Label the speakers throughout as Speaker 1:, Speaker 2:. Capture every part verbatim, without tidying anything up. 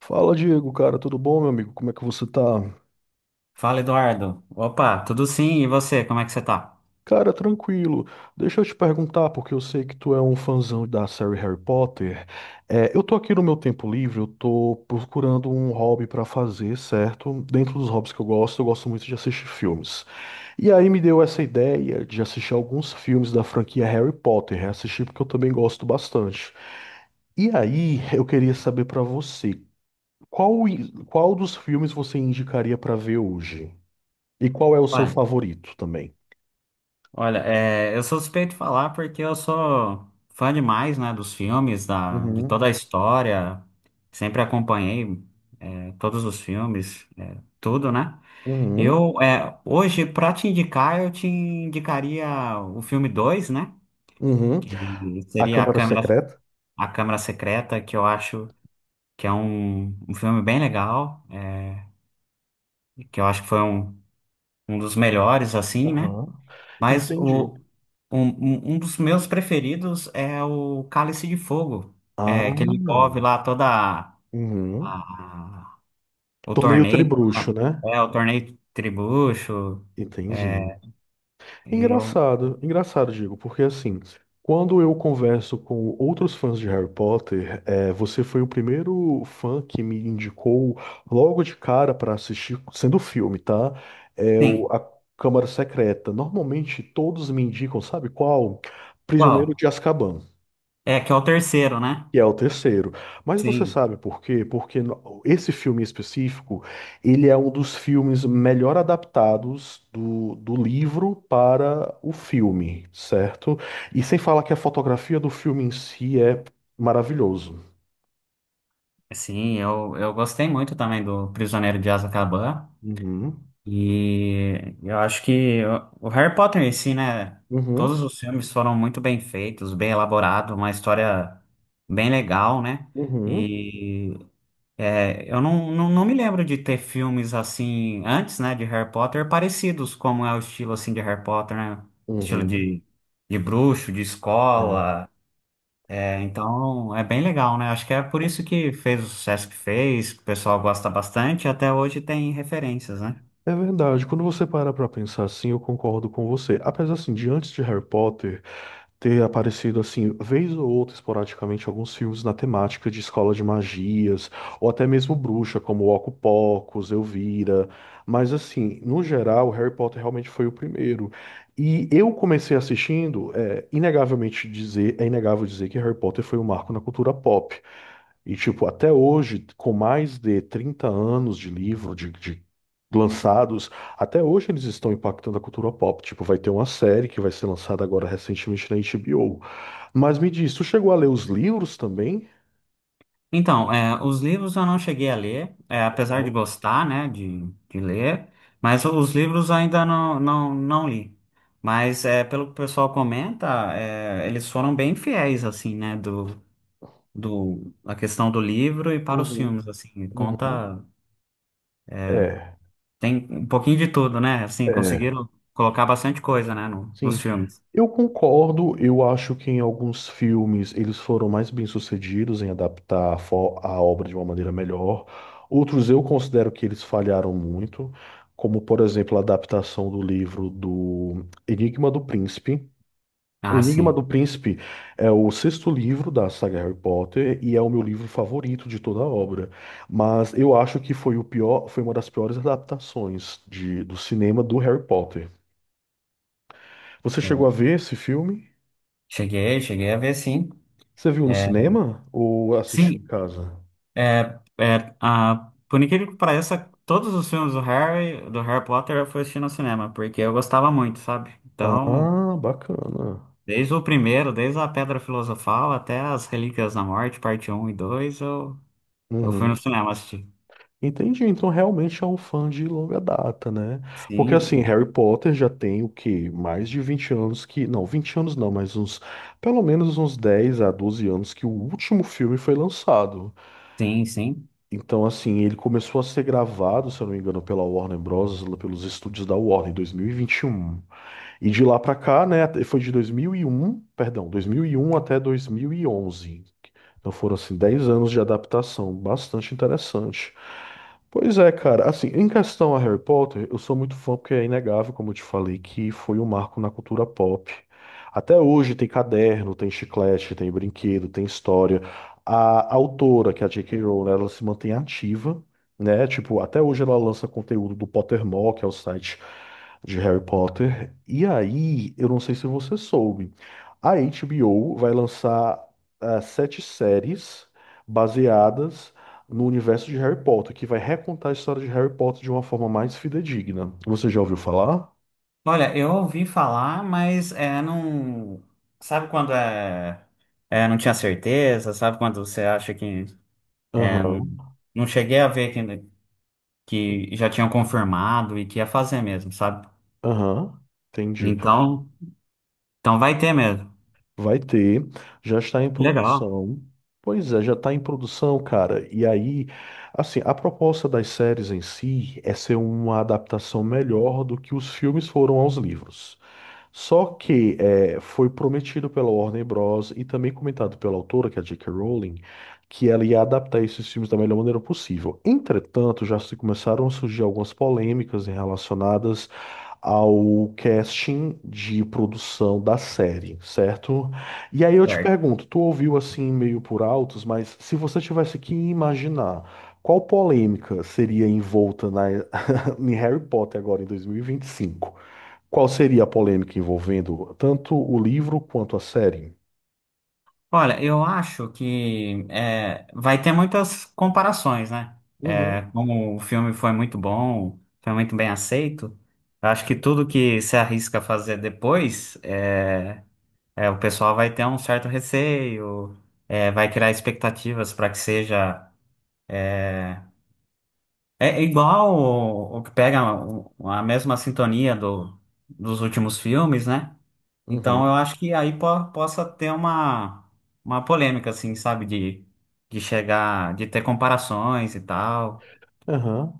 Speaker 1: Fala, Diego, cara, tudo bom, meu amigo? Como é que você tá?
Speaker 2: Fala, Eduardo. Opa, tudo sim? E você, como é que você tá?
Speaker 1: Cara, tranquilo. Deixa eu te perguntar, porque eu sei que tu é um fãzão da série Harry Potter. É, eu tô aqui no meu tempo livre, eu tô procurando um hobby pra fazer, certo? Dentro dos hobbies que eu gosto, eu gosto muito de assistir filmes. E aí me deu essa ideia de assistir alguns filmes da franquia Harry Potter, reassistir porque eu também gosto bastante. E aí, eu queria saber pra você, qual, i- qual dos filmes você indicaria pra ver hoje? E qual é o seu
Speaker 2: Olha,
Speaker 1: favorito também?
Speaker 2: olha, é, eu sou suspeito de falar porque eu sou fã demais, né, dos filmes, da, de toda a
Speaker 1: Uhum,
Speaker 2: história. Sempre acompanhei, é, todos os filmes, é, tudo, né?
Speaker 1: uhum,
Speaker 2: Eu, é, hoje, pra te indicar, eu te indicaria o filme dois, né?
Speaker 1: uhum.
Speaker 2: Que
Speaker 1: A
Speaker 2: seria a
Speaker 1: Câmara
Speaker 2: Câmara,
Speaker 1: Secreta?
Speaker 2: a Câmara Secreta, que eu acho que é um, um filme bem legal, eh, que eu acho que foi um, um dos melhores, assim, né?
Speaker 1: Aham.
Speaker 2: Mas
Speaker 1: Entendi.
Speaker 2: o, um, um um dos meus preferidos é o Cálice de Fogo, é, que ele
Speaker 1: Ah,
Speaker 2: envolve lá toda a,
Speaker 1: uhum.
Speaker 2: a- o
Speaker 1: Torneio
Speaker 2: torneio,
Speaker 1: Tribruxo,
Speaker 2: lá,
Speaker 1: né?
Speaker 2: é, o torneio tribucho.
Speaker 1: Entendi.
Speaker 2: é, e Eu,
Speaker 1: Engraçado, engraçado, digo, porque assim, quando eu converso com outros fãs de Harry Potter, é, você foi o primeiro fã que me indicou logo de cara para assistir, sendo filme, tá? É o,
Speaker 2: sim.
Speaker 1: a Câmara Secreta. Normalmente todos me indicam, sabe qual? Prisioneiro
Speaker 2: Qual?
Speaker 1: de Azkaban.
Speaker 2: É, que é o terceiro, né?
Speaker 1: Que é o terceiro. Mas você
Speaker 2: Sim.
Speaker 1: sabe por quê? Porque no- esse filme em específico, ele é um dos filmes melhor adaptados do, do livro para o filme, certo? E sem falar que a fotografia do filme em si é maravilhoso.
Speaker 2: Sim, eu, eu gostei muito também do Prisioneiro de Azkaban.
Speaker 1: Uhum,
Speaker 2: E eu acho que o o Harry Potter em si, né? Todos
Speaker 1: uhum,
Speaker 2: os filmes foram muito bem feitos, bem elaborados, uma história bem legal, né?
Speaker 1: uhum,
Speaker 2: E é, eu não, não, não me lembro de ter filmes assim antes, né, de Harry Potter, parecidos como é o estilo assim de Harry Potter, né? Estilo
Speaker 1: uhum.
Speaker 2: de, de bruxo, de
Speaker 1: É.
Speaker 2: escola. É, então é bem legal, né? Acho que é por isso que fez o sucesso que fez, que o pessoal gosta bastante, e até hoje tem referências, né?
Speaker 1: É verdade, quando você para pra pensar assim, eu concordo com você. Apesar assim, de antes de Harry Potter, ter aparecido assim, vez ou outra, esporadicamente, alguns filmes na temática de escola de magias, ou até mesmo bruxa, como Oco Pocos, Elvira. Mas assim, no geral, Harry Potter realmente foi o primeiro. E eu comecei assistindo, é inegavelmente dizer, é inegável dizer que Harry Potter foi um marco na cultura pop. E, tipo, até hoje, com mais de trinta anos de livro, de, de lançados, até hoje eles estão impactando a cultura pop. Tipo, vai ter uma série que vai ser lançada agora recentemente na H B O. Mas me diz, tu chegou a ler os livros também?
Speaker 2: Então, é, os livros eu não cheguei a ler, é, apesar de
Speaker 1: Uhum.
Speaker 2: gostar, né, de, de ler, mas os livros ainda não, não, não li. Mas é, pelo que o pessoal comenta, é, eles foram bem fiéis, assim, né, do, do, a questão do livro e para os
Speaker 1: Uhum.
Speaker 2: filmes, assim,
Speaker 1: Uhum.
Speaker 2: conta,
Speaker 1: É,
Speaker 2: tem um pouquinho de tudo, né, assim,
Speaker 1: é.
Speaker 2: conseguiram colocar bastante coisa, né, no- nos
Speaker 1: Sim,
Speaker 2: filmes.
Speaker 1: eu concordo. Eu acho que em alguns filmes eles foram mais bem-sucedidos em adaptar a, fo- a obra de uma maneira melhor. Outros eu considero que eles falharam muito, como por exemplo a adaptação do livro do Enigma do Príncipe. O
Speaker 2: Ah,
Speaker 1: Enigma
Speaker 2: sim.
Speaker 1: do Príncipe é o sexto livro da saga Harry Potter e é o meu livro favorito de toda a obra. Mas eu acho que foi o pior, foi uma das piores adaptações de, do cinema do Harry Potter. Você
Speaker 2: Eu
Speaker 1: chegou a ver esse filme?
Speaker 2: Cheguei, cheguei a ver, sim.
Speaker 1: Você viu no
Speaker 2: É,
Speaker 1: cinema ou assistiu em
Speaker 2: Sim.
Speaker 1: casa?
Speaker 2: É, é, ah, por incrível que pareça, todos os filmes do Harry, do Harry Potter eu fui assistir no cinema, porque eu gostava muito, sabe? Então,
Speaker 1: Ah, bacana.
Speaker 2: desde o primeiro, desde a Pedra Filosofal até as Relíquias da Morte, parte um e dois eu, eu fui no
Speaker 1: Uhum.
Speaker 2: cinema assistir.
Speaker 1: Entendi. Então realmente é um fã de longa data, né? Porque assim,
Speaker 2: Sim,
Speaker 1: Harry Potter já tem o quê? Mais de vinte anos que. Não, vinte anos não, mas uns. Pelo menos uns dez a doze anos que o último filme foi lançado.
Speaker 2: sim, sim.
Speaker 1: Então, assim, ele começou a ser gravado, se eu não me engano, pela Warner Bros., lá pelos estúdios da Warner, em dois mil E vinte e E um. E de lá pra cá, né? Foi de dois mil e um, perdão, dois mil e um até dois mil e onze. Então foram assim dez anos de adaptação, bastante interessante. Pois é, cara, assim, em questão a Harry Potter, eu sou muito fã porque é inegável, como eu te falei, que foi um marco na cultura pop. Até hoje tem caderno, tem chiclete, tem brinquedo, tem história. A autora, que é a J K. Rowling, ela se mantém ativa, né? Tipo, até hoje ela lança conteúdo do Pottermore, que é o site de Harry Potter. E aí, eu não sei se você soube. A H B O vai lançar ah, sete séries baseadas no universo de Harry Potter, que vai recontar a história de Harry Potter de uma forma mais fidedigna. Você já ouviu falar?
Speaker 2: Olha, eu ouvi falar, mas é, não. Sabe quando é, é, não tinha certeza? Sabe quando você acha que. É, não,
Speaker 1: Aham,
Speaker 2: não cheguei a ver que já tinham confirmado e que ia fazer mesmo, sabe?
Speaker 1: aham. Entendi.
Speaker 2: Então, então vai ter mesmo.
Speaker 1: Vai ter, já está em
Speaker 2: Legal.
Speaker 1: produção. Pois é, já está em produção, cara. E aí, assim, a proposta das séries em si é ser uma adaptação melhor do que os filmes foram aos livros. Só que é, foi prometido pela Warner Bros. E também comentado pela autora, que é a J K. Rowling, que ela ia adaptar esses filmes da melhor maneira possível. Entretanto, já se começaram a surgir algumas polêmicas em relacionadas ao casting de produção da série, certo? E aí eu te
Speaker 2: Certo.
Speaker 1: pergunto, tu ouviu assim meio por altos, mas se você tivesse que imaginar qual polêmica seria envolta na, em Harry Potter agora em dois mil e vinte e cinco? Qual seria a polêmica envolvendo tanto o livro quanto a série?
Speaker 2: Olha, eu acho que é, vai ter muitas comparações, né? É,
Speaker 1: Uhum,
Speaker 2: como o filme foi muito bom, foi muito bem aceito, eu acho que tudo que se arrisca a fazer depois, é, é, o pessoal vai ter um certo receio, é, vai criar expectativas para que seja. É é igual o, o que pega o- a mesma sintonia do, dos últimos filmes, né? Então eu
Speaker 1: uhum,
Speaker 2: acho que aí po- possa ter uma, uma polêmica, assim, sabe? De, de chegar, de ter comparações e tal.
Speaker 1: aham.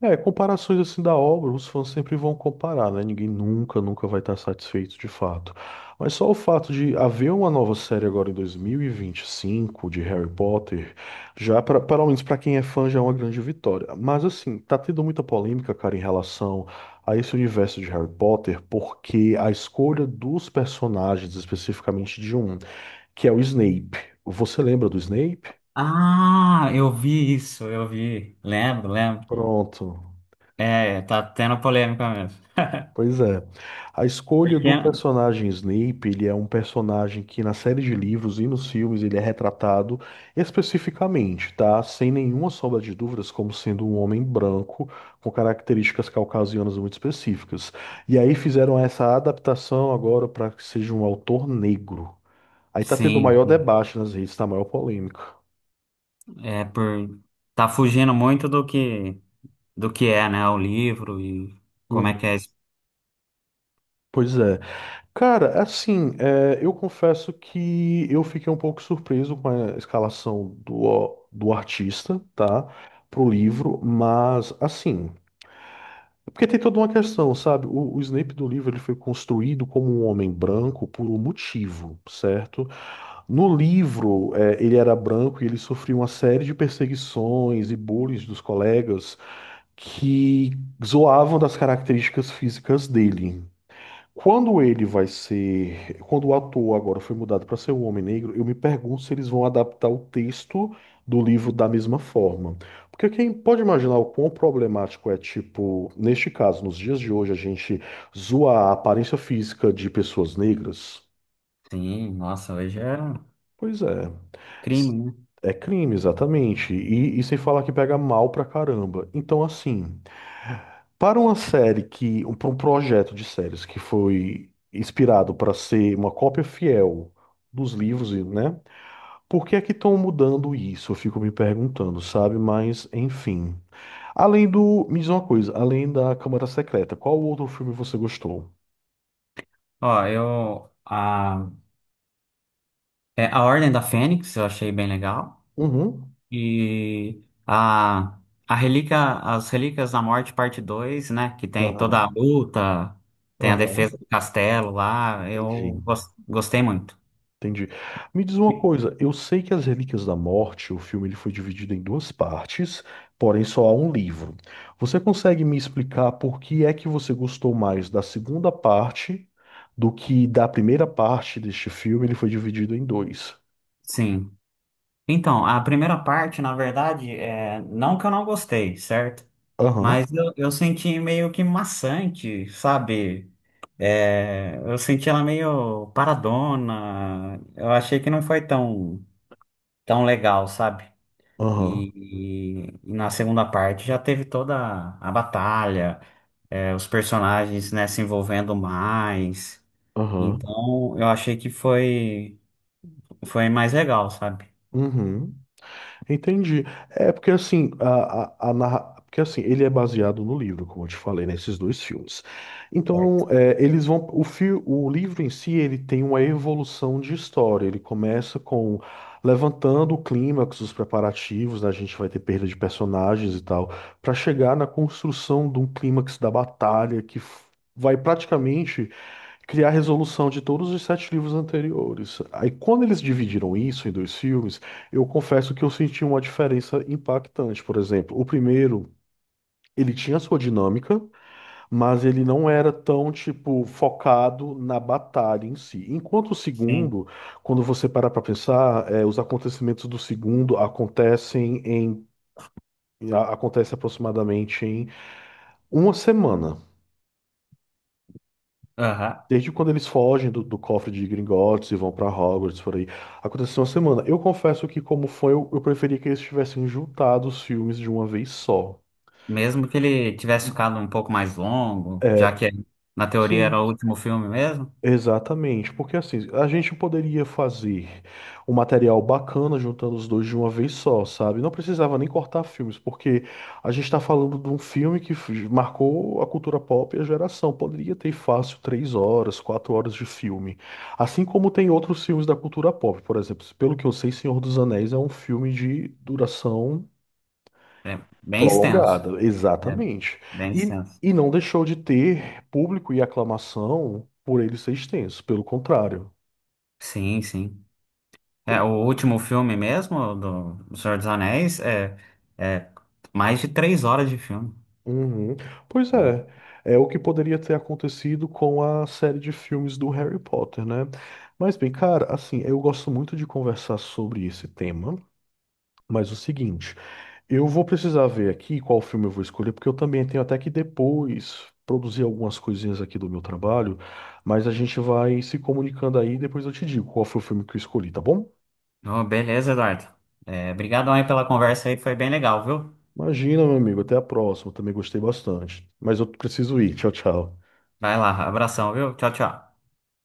Speaker 1: É, comparações assim da obra, os fãs sempre vão comparar, né? Ninguém nunca, nunca vai estar satisfeito de fato. Mas só o fato de haver uma nova série agora em dois mil e vinte e cinco de Harry Potter, já pra, pelo menos para quem é fã já é uma grande vitória. Mas assim, tá tendo muita polêmica, cara, em relação a esse universo de Harry Potter, porque a escolha dos personagens, especificamente de um que é o Snape. Você lembra do Snape?
Speaker 2: Ah, eu vi isso, eu vi. Lembro, lembro.
Speaker 1: Pronto.
Speaker 2: É, tá tendo polêmica mesmo.
Speaker 1: Pois é. A escolha
Speaker 2: Porque,
Speaker 1: do personagem Snape, ele é um personagem que na série de livros e nos filmes ele é retratado especificamente, tá? Sem nenhuma sombra de dúvidas, como sendo um homem branco com características caucasianas muito específicas. E aí fizeram essa adaptação agora para que seja um autor negro. Aí tá tendo o
Speaker 2: sim,
Speaker 1: maior debate nas redes, tá? A maior polêmica.
Speaker 2: é por tá fugindo muito do que do que é, né? O livro e como
Speaker 1: Uhum.
Speaker 2: é que é. Isso.
Speaker 1: Pois é. Cara, assim, é, eu confesso que eu fiquei um pouco surpreso com a escalação do, do artista, tá? Pro livro, mas assim, é porque tem toda uma questão, sabe? O, o Snape do livro ele foi construído como um homem branco por um motivo, certo? No livro, é, ele era branco e ele sofria uma série de perseguições e bullying dos colegas que zoavam das características físicas dele. Quando ele vai ser. Quando o ator agora foi mudado para ser o Homem Negro, eu me pergunto se eles vão adaptar o texto do livro da mesma forma. Porque quem pode imaginar o quão problemático é, tipo, neste caso, nos dias de hoje, a gente zoar a aparência física de pessoas negras?
Speaker 2: Sim, nossa, hoje é.
Speaker 1: Pois é.
Speaker 2: Crime,
Speaker 1: S-
Speaker 2: né?
Speaker 1: É crime, exatamente. E, e sem falar que pega mal pra caramba. Então, assim. Para uma série que, um- para um projeto de séries que foi inspirado para ser uma cópia fiel dos livros, e, né? Por que é que estão mudando isso? Eu fico me perguntando, sabe? Mas, enfim. Além do, me diz uma coisa, além da Câmara Secreta, qual outro filme você gostou?
Speaker 2: Ó, eu. A, é, a Ordem da Fênix eu achei bem legal.
Speaker 1: Uhum.
Speaker 2: E a, a Relíquia, as Relíquias da Morte, parte dois, né? Que tem toda a
Speaker 1: Aham.
Speaker 2: luta, tem a
Speaker 1: Aham.
Speaker 2: defesa do castelo lá.
Speaker 1: Entendi.
Speaker 2: Eu gos- gostei muito.
Speaker 1: Entendi. Me diz uma
Speaker 2: E-
Speaker 1: coisa, eu sei que As Relíquias da Morte, o filme ele foi dividido em duas partes, porém só há um livro. Você consegue me explicar por que é que você gostou mais da segunda parte do que da primeira parte deste filme? Ele foi dividido em dois.
Speaker 2: Sim. Então, a primeira parte, na verdade, é, não que eu não gostei, certo?
Speaker 1: Aham,
Speaker 2: Mas eu, eu senti meio que maçante, sabe? É, eu senti ela meio paradona. Eu achei que não foi tão, tão legal, sabe?
Speaker 1: aham,
Speaker 2: E, e- e na segunda parte já teve toda a batalha, é, os personagens, né, se envolvendo mais.
Speaker 1: aham,
Speaker 2: Então eu achei que foi, foi mais legal, sabe?
Speaker 1: uhum. Entendi. É porque assim, a, a, a narra... porque assim, ele é baseado no livro, como eu te falei, nesses dois filmes.
Speaker 2: Certo.
Speaker 1: Então, é, eles vão. O, fi... o livro em si, ele tem uma evolução de história. Ele começa com levantando o clímax, os preparativos, né? A gente vai ter perda de personagens e tal, para chegar na construção de um clímax da batalha que f- vai praticamente criar a resolução de todos os sete livros anteriores. Aí, quando eles dividiram isso em dois filmes, eu confesso que eu senti uma diferença impactante. Por exemplo, o primeiro. Ele tinha sua dinâmica, mas ele não era tão, tipo, focado na batalha em si. Enquanto o
Speaker 2: Sim.
Speaker 1: segundo, quando você para para pensar, eh, os acontecimentos do segundo acontecem em, a- acontece aproximadamente em uma semana.
Speaker 2: Aham.
Speaker 1: Desde quando eles fogem do, do cofre de Gringotts e vão pra Hogwarts, por aí. Aconteceu uma semana. Eu confesso que, como foi, eu, eu preferia que eles tivessem juntado os filmes de uma vez só.
Speaker 2: Mesmo que ele tivesse ficado um pouco mais longo, já que na teoria era o
Speaker 1: Sim.
Speaker 2: último filme mesmo,
Speaker 1: Exatamente, porque assim, a gente poderia fazer um material bacana juntando os dois de uma vez só, sabe? Não precisava nem cortar filmes, porque a gente está falando de um filme que f- marcou a cultura pop e a geração. Poderia ter fácil três horas, quatro horas de filme. Assim como tem outros filmes da cultura pop, por exemplo, pelo que eu sei, Senhor dos Anéis é um filme de duração.
Speaker 2: é bem extenso.
Speaker 1: Prolongada,
Speaker 2: É
Speaker 1: exatamente.
Speaker 2: bem
Speaker 1: E,
Speaker 2: extenso.
Speaker 1: e não deixou de ter público e aclamação por ele ser extenso, pelo contrário.
Speaker 2: Sim, sim. É,
Speaker 1: Pois
Speaker 2: o
Speaker 1: é.
Speaker 2: último filme mesmo do Senhor dos Anéis é, é mais de três horas de filme.
Speaker 1: Uhum. Pois é,
Speaker 2: É.
Speaker 1: é o que poderia ter acontecido com a série de filmes do Harry Potter, né? Mas bem, cara, assim, eu gosto muito de conversar sobre esse tema, mas o seguinte. Eu vou precisar ver aqui qual filme eu vou escolher, porque eu também tenho até que depois produzir algumas coisinhas aqui do meu trabalho, mas a gente vai se comunicando aí e depois eu te digo qual foi o filme que eu escolhi, tá bom?
Speaker 2: Oh, beleza, Eduardo. É, obrigadão aí pela conversa aí, foi bem legal, viu?
Speaker 1: Imagina, meu amigo, até a próxima, eu também gostei bastante. Mas eu preciso ir, tchau, tchau.
Speaker 2: Vai lá, abração, viu? Tchau, tchau.